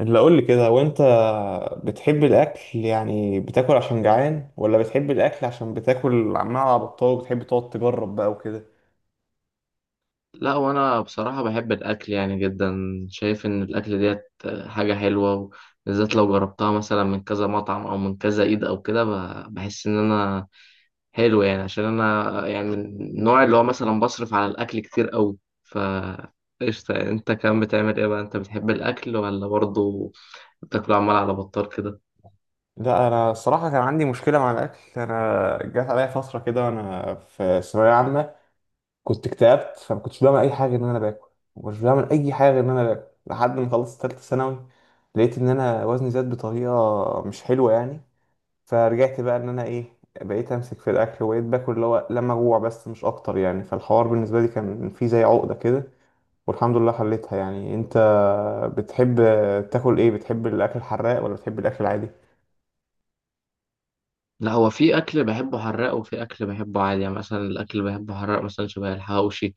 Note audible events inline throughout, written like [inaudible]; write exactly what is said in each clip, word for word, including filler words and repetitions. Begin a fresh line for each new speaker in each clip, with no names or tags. اللي اقول لي كده هو انت، بتحب الاكل؟ يعني بتاكل عشان جعان ولا بتحب الاكل عشان بتاكل عمال على بطال وبتحب تقعد تجرب بقى وكده؟
لا وانا بصراحة بحب الاكل يعني جدا. شايف ان الاكل ديت حاجة حلوة، بالذات لو جربتها مثلا من كذا مطعم او من كذا ايد او كده. ب- بحس ان انا حلو يعني، عشان انا يعني من النوع اللي هو مثلا بصرف على الاكل كتير قوي. ف قشطة يعني. انت كمان بتعمل ايه بقى؟ انت بتحب الاكل، ولا برضه بتاكله عمال على بطال كده؟
لا، انا الصراحه كان عندي مشكله مع الاكل. انا جات عليا فتره كده وانا في ثانويه عامه كنت اكتئبت، فما كنتش بعمل اي حاجه غير ان انا باكل ومش بعمل اي حاجه غير ان انا باكل لحد ما خلصت ثالثه ثانوي. لقيت ان انا وزني زاد بطريقه مش حلوه يعني. فرجعت بقى ان انا ايه، بقيت امسك في الاكل وبقيت باكل اللي هو لما اجوع بس مش اكتر يعني. فالحوار بالنسبه لي كان فيه زي عقده كده، والحمد لله حليتها يعني. انت بتحب تاكل ايه؟ بتحب الاكل الحراق ولا بتحب الاكل العادي؟
لا، هو في اكل بحبه حراق وفي اكل بحبه عادي. يعني مثلا الاكل اللي بحبه حراق مثلا شبه الحواوشي،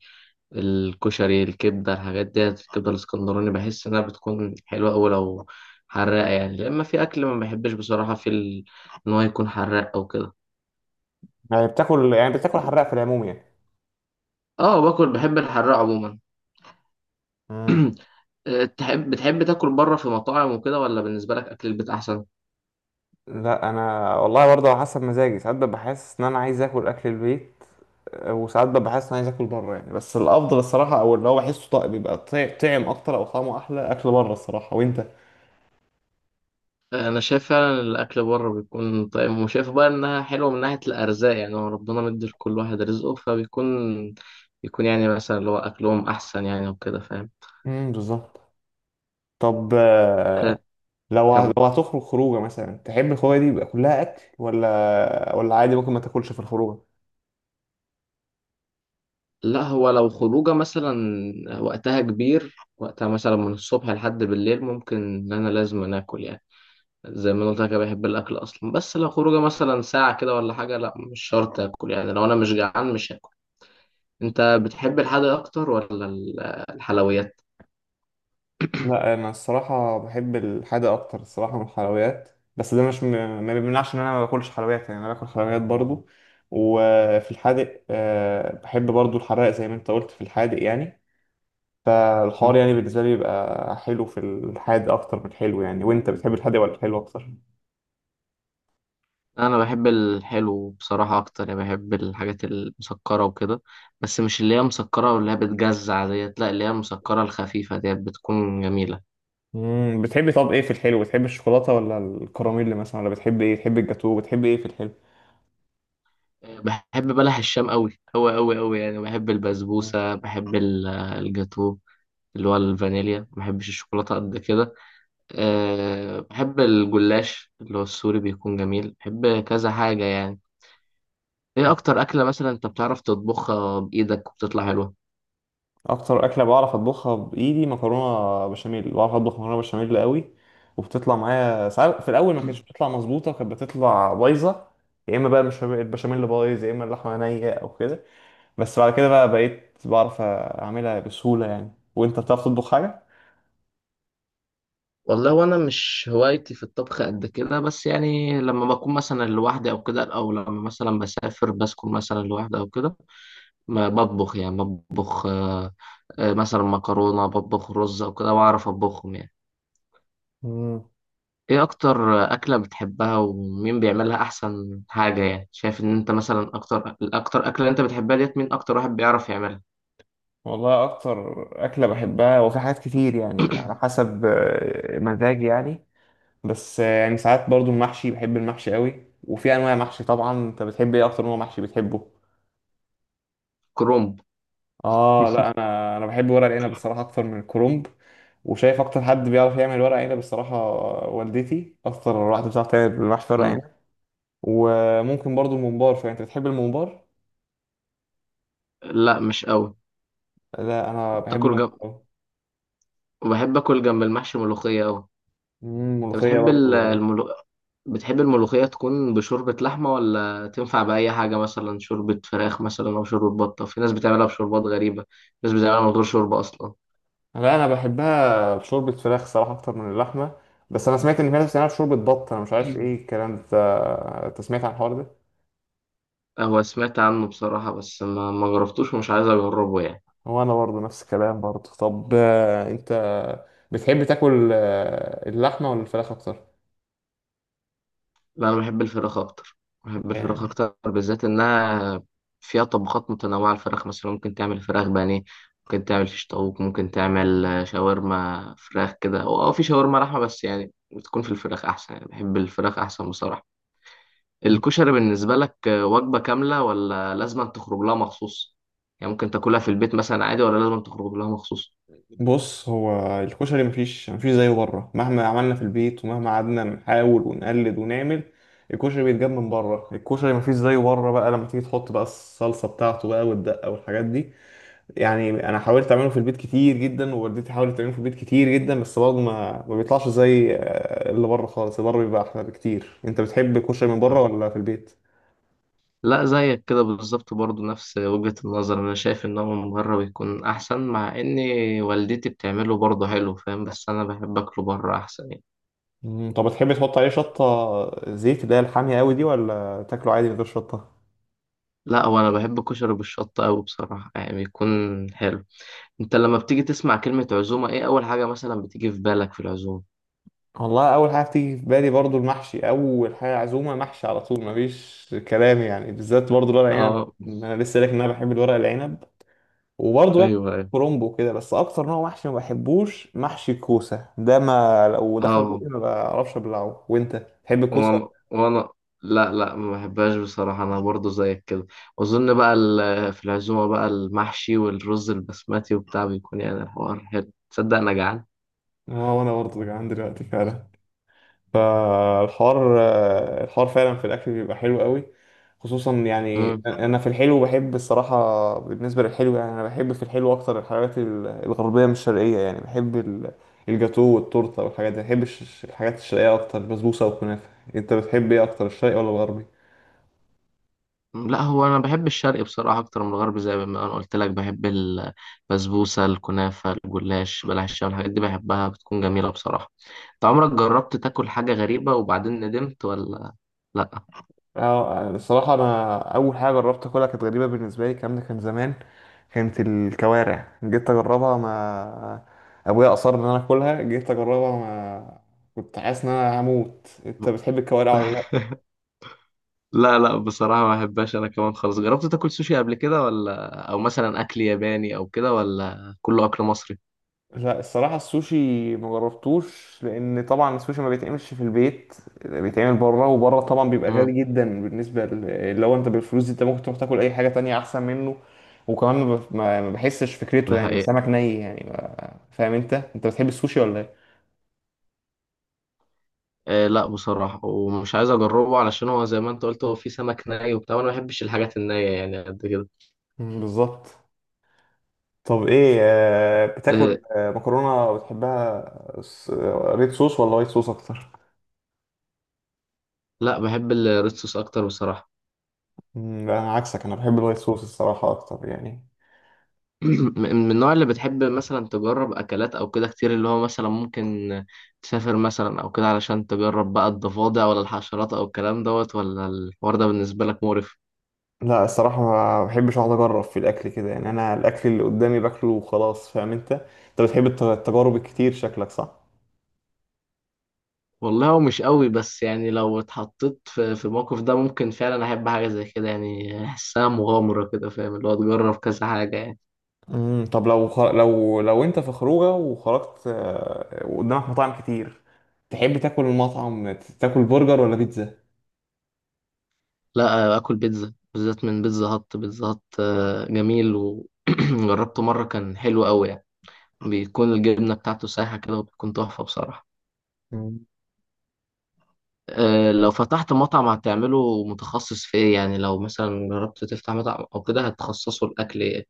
الكشري، الكبدة، الحاجات ديت. الكبدة الاسكندراني بحس إنها بتكون حلوة أوي لو حراقة يعني، لأما في أكل ما بحبش بصراحة في ال... إن هو يكون حراق أو كده.
يعني بتاكل، يعني بتاكل حراق في العموم يعني؟
اه، باكل، بحب الحراق عموما.
مم.
[clears throat] آه، تحب بتحب تاكل بره في مطاعم وكده، ولا بالنسبه لك اكل البيت احسن؟
لا، انا والله برضه على حسب مزاجي. ساعات ببقى حاسس ان انا عايز اكل اكل البيت وساعات ببقى حاسس ان انا عايز اكل بره يعني. بس الافضل الصراحه او اللي هو بحسه طيب بيبقى طع- طعم اكتر او طعمه احلى اكل بره الصراحه. وانت؟
آه، انا شايف فعلا الاكل بره بيكون طيب، وشايف بقى انها حلوه من ناحيه الارزاق. يعني هو ربنا مدي لكل واحد رزقه، فبيكون بيكون يعني مثلا اللي هو اكلهم احسن يعني وكده فاهم.
امم بالظبط. طب آه،
آه،
لو ه-
كمل.
لو هتخرج خروجه مثلا، تحب الخروجه دي يبقى كلها اكل ولا ولا عادي ممكن ما تاكلش في الخروجه؟
لا، هو لو خروجه مثلا وقتها كبير، وقتها مثلا من الصبح لحد بالليل، ممكن ان انا لازم أنا اكل يعني. زي ما قلت لك أنا بحب الاكل اصلا. بس لو خروجه مثلا ساعه كده ولا حاجه، لا مش شرط اكل يعني. لو انا مش جعان مش هاكل. انت بتحب الحادق اكتر ولا ال- الحلويات؟
لا، انا الصراحه بحب الحادق اكتر الصراحه من الحلويات، بس ده مش م... ما بيمنعش ان انا ما باكلش حلويات يعني انا باكل حلويات برضو. وفي الحادق، آه، بحب برضو الحراق زي ما انت قلت في الحادق يعني. فالحوار
مم.
يعني بالنسبه لي بيبقى حلو في الحادق اكتر من الحلو يعني. وانت بتحب الحادق ولا الحلو اكتر؟
انا بحب الحلو بصراحه اكتر يعني، بحب الحاجات المسكره وكده. بس مش اللي هي مسكره واللي هي بتجزع ديت، لا اللي هي المسكره الخفيفه ديت بتكون جميله.
امم بتحبي؟ طب ايه في الحلو؟ بتحبي الشوكولاته ولا الكراميل مثلا؟ ولا بتحبي ايه؟ بتحبي الجاتو؟ بتحبي ايه في الحلو؟
بحب بلح الشام قوي قوي قوي قوي يعني، بحب
مم.
البسبوسة، بحب ال- الجاتو اللي هو الفانيليا. ما بحبش الشوكولاتة قد كده. أه بحب الجلاش اللي هو السوري بيكون جميل. بحب كذا حاجة يعني. ايه اكتر اكلة مثلا انت بتعرف تطبخها بايدك وبتطلع حلوة؟
اكتر اكله بعرف اطبخها بايدي مكرونه بشاميل. بعرف اطبخ مكرونه بشاميل قوي وبتطلع معايا. ساعات في الاول ما كانتش بتطلع
[clears throat]
مظبوطه، كانت بتطلع بايظه. يا اما بقى مش البشاميل بايظ، يا اما اللحمه نيه او كده. بس بعد كده بقى بقيت بعرف اعملها بسهوله يعني. وانت بتعرف تطبخ حاجه؟
والله، وانا مش هوايتي في الطبخ قد كده، بس يعني لما بكون مثلا لوحدي او كده، او لما مثلا بسافر بسكن مثلا لوحدي او كده، ما بطبخ يعني. بطبخ آه، آه، مثلا مكرونة، بطبخ رز أو كده، وأعرف أطبخهم يعني.
مم.
إيه أكتر أكلة بتحبها، ومين بيعملها أحسن حاجة؟ يعني شايف إن أنت مثلا أكتر الأكتر أكلة أنت بتحبها ديت، مين أكتر واحد بيعرف يعملها؟
والله اكتر اكله بحبها وفي حاجات كتير يعني، على
[coughs]
حسب آه، مزاجي يعني. بس آه، يعني ساعات برضو المحشي، بحب المحشي قوي. وفي انواع محشي طبعا. انت بتحب ايه؟ اكتر نوع محشي بتحبه؟
[clears throat] كرومب.
اه، لا، انا انا بحب ورق العنب بصراحه اكتر من الكرنب. وشايف اكتر حد بيعرف يعمل ورق عنب بصراحه، آه، والدتي اكتر واحده بتعرف تعمل محشي ورق عنب.
مم.
وممكن برضو الممبار. فانت بتحب الممبار؟
لا، مش قوي.
لا، انا بحب
تاكل جنب،
الممبار.
وبحب آكل جنب المحشي ملوخية أوي.
مم،
انت
ملوخيه
بتحب ال-
برضو.
الملو... بتحب الملوخية تكون بشوربة لحمة، ولا تنفع بأي حاجة؟ مثلا شوربة فراخ مثلا أو شوربة بطة؟ في ناس بتعملها بشوربات غريبة، في ناس بتعملها من غير شوربة أصلا.
لا، انا بحبها بشوربه فراخ صراحه اكتر من اللحمه. بس انا سمعت ان في ناس بتعملها بشوربه بط، انا مش عارف
[clears throat]
ايه الكلام ده. انت سمعت عن الحوار ده؟
هو سمعت عنه بصراحة، بس ما ما جربتوش ومش عايز أجربه يعني.
وانا برضه نفس الكلام برضه. طب آه، انت بتحب تاكل آه، اللحمه ولا الفراخ اكتر؟
لا انا بحب الفراخ اكتر. بحب الفراخ
يعني.
اكتر بالذات انها فيها طبخات متنوعه. الفراخ مثلا ممكن تعمل فراخ بانيه، ممكن تعمل فيش طاووق، ممكن تعمل آه، شاورما فراخ كده، او أو في شاورما لحمه، بس يعني بتكون في الفراخ احسن يعني. بحب الفراخ احسن بصراحه. الكشري بالنسبه لك آه، وجبه كامله، ولا لازم تخرج لها مخصوص؟ يعني ممكن تاكلها في البيت مثلا عادي، ولا لازم تخرج لها مخصوص؟
بص، هو الكشري مفيش مفيش زيه بره مهما عملنا في البيت ومهما قعدنا نحاول ونقلد ونعمل. الكشري بيتجاب من بره، الكشري مفيش زيه بره بقى لما تيجي تحط بقى الصلصه بتاعته بقى والدقه والحاجات دي. يعني انا حاولت اعمله في البيت كتير جدا ووالدتي حاولت تعمله في البيت كتير جدا بس برضه ما ما بيطلعش زي آه، اللي بره خالص. اللي بره بيبقى احلى بكتير. انت بتحب الكشري من بره
اه،
ولا في البيت؟
لا زيك كده بالظبط برضو نفس وجهة النظر. انا شايف ان هو من بره بيكون احسن، مع ان والدتي بتعمله برضه حلو فاهم، بس انا بحب اكله بره احسن يعني.
مم، طب بتحب تحط عليه شطة زيت اللي هي الحامية قوي دي
مم.
ولا تاكله عادي من غير شطة؟
لا، وانا بحب كشري بالشطة قوي بصراحة يعني بيكون حلو. انت لما بتيجي تسمع كلمة عزومة، ايه اول حاجة مثلا بتيجي في بالك في العزومة؟
والله أول حاجة بتيجي في بالي برضو المحشي. أول حاجة عزومة محشي على طول، مفيش كلام يعني، بالذات برضو الورق العنب.
اه،
أنا لسه قايلك إن أنا بحب الورق العنب. وبرضو باكل
ايوه ايوه.
كرومبو كده. بس أكتر نوع محشي ما بحبوش محشي الكوسة ده، ما لو دخل بقي
اه،
ما بعرفش أبلعه. وأنت تحب الكوسة؟
وانا وانا لا لا ما بحبهاش بصراحة. انا برضو زيك كده. واظن بقى ال- في العزومة بقى المحشي والرز البسمتي وبتاع، بيكون يعني الحوار حلو. تصدق انا جعان؟
اه، وأنا برضو جعان دلوقتي فعلا. فالحوار، آه، الحوار فعلا في الاكل بيبقى حلو قوي. خصوصا يعني
مم.
انا في الحلو بحب الصراحه. بالنسبه للحلو يعني انا بحب في الحلو اكتر الحلويات ال- الغربيه مش الشرقيه، يعني بحب ال- الجاتو والتورته والحاجات دي. بحب الش- الحاجات الشرقيه اكتر البسبوسه والكنافه. انت بتحب ايه اكتر؟ الشرقي ولا الغربي؟
لا هو انا بحب الشرقي بصراحة اكتر من الغربي، زي ما انا قلت لك بحب البسبوسة، الكنافة، الجلاش، بلح الشام، الحاجات دي بحبها بتكون جميلة بصراحة. انت عمرك جربت تاكل حاجة غريبة وبعدين ندمت ولا؟
اه، الصراحة أنا أول حاجة جربت أكلها كانت غريبة بالنسبة لي. الكلام ده كان زمان. كانت الكوارع، جيت أجربها ما، أبويا أصر إن أنا أكلها، جيت أجربها ما كنت حاسس إن أنا هموت. أنت
لا
بتحب الكوارع ولا لأ؟
لا لا بصراحة ما بحبهاش. أنا كمان خالص. جربت تاكل سوشي قبل كده ولا، أو مثلا أكل ياباني أو كده، ولا كله أكل مصري؟
لا، الصراحة السوشي مجربتوش لأن طبعا السوشي ما بيتعملش في البيت. بيتعمل بره، وبره طبعا بيبقى
امم.
غالي جدا بالنسبة ل- لو أنت بالفلوس دي أنت ممكن تروح تاكل أي حاجة تانية أحسن منه. وكمان ما ب- ما- ما بحسش فكرته
ده
يعني
حقيقة.
سمك ني يعني، ما- فاهم أنت أنت بتحب السوشي ولا إيه؟
آه لا بصراحة، ومش عايز أجربه علشان هو زي ما أنت قلت، هو فيه سمك ني وبتاع، وأنا ما بحبش الحاجات النية يعني قد كده.
مم، بالظبط. طب ايه، آه،
آه
بتاكل آه، مكرونه بتحبها س- آه، ريد صوص ولا وايت صوص اكتر؟
لا بحب الريد صوص أكتر بصراحة.
مم، لا، انا عكسك انا بحب الوايت صوص الصراحه اكتر يعني.
[clears throat] م- من النوع اللي بتحب مثلا تجرب أكلات أو كده كتير، اللي هو مثلا ممكن تسافر مثلا أو كده علشان تجرب بقى الضفادع ولا الحشرات أو الكلام دوت، ولا الحوار ده بالنسبة لك مقرف؟
لا، الصراحة ما بحبش اقعد اجرب في الاكل كده يعني. انا الاكل اللي قدامي باكله وخلاص. فاهم انت؟ انت بتحب الت- التجارب الكتير شكلك، صح؟
والله هو مش قوي، بس يعني لو اتحطيت في في الموقف ده ممكن فعلا احب حاجه زي كده يعني، احسها مغامره كده فاهم، اللي هو تجرب كذا حاجه يعني.
امم طب لو خ... لو لو انت في خروجه وخرجت، آه، وقدامك مطاعم كتير، تحب تاكل المطعم ت- تاكل برجر ولا بيتزا؟
لا، اكل بيتزا بالذات من بيتزا هات. بيتزا هات آه، جميل. وجربته [clears throat] مره كان حلو قوي يعني. بيكون الجبنه بتاعته سايحه كده وبتكون تحفه بصراحه.
مم.
آه، لو فتحت مطعم هتعمله متخصص في ايه؟ يعني لو مثلا جربت تفتح مطعم او كده، هتخصصه الاكل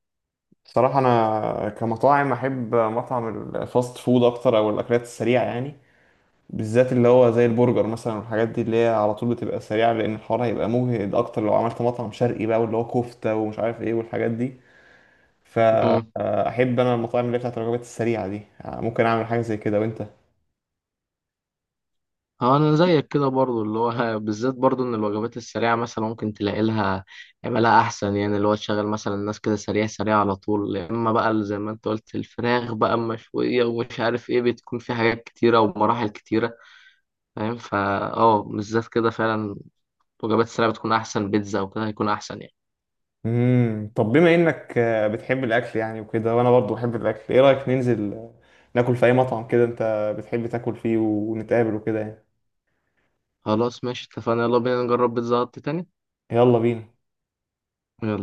الصراحة انا كمطاعم احب مطعم الفاست فود اكتر او الاكلات السريعة يعني. بالذات اللي هو زي البرجر مثلا والحاجات دي اللي هي على طول بتبقى سريعة، لأن الحوار هيبقى مجهد أكتر لو عملت مطعم شرقي بقى، واللي هو كفتة ومش عارف إيه والحاجات دي. فأحب
ايه؟
أنا المطاعم اللي هي بتاعت الوجبات السريعة دي يعني، ممكن أعمل حاجة زي كده. وأنت؟
اه، انا زيك كده برضو اللي هو [laughs] بالذات برضو ان الوجبات السريعه مثلا ممكن تلاقي لها عملها احسن يعني، اللي هو تشغل مثلا الناس كده سريع سريع على طول. يا اما بقى اللي زي ما انت قلت الفراخ بقى مشويه ومش عارف ايه، بتكون في حاجات كتيره ومراحل كتيره فاهم. فا اه بالذات كده فعلا. الوجبات السريعه بتكون احسن. بيتزا او كده هيكون احسن يعني.
امم طب بما إنك آه، بتحب الأكل يعني وكده، وأنا برضو بحب الأكل، إيه رأيك ننزل آه، ناكل في أي مطعم كده أنت بتحب تاكل فيه ونتقابل وكده يعني؟
خلاص ماشي اتفقنا، يلا بينا نجرب بيتزا هت تاني.
يلا بينا.
يلا.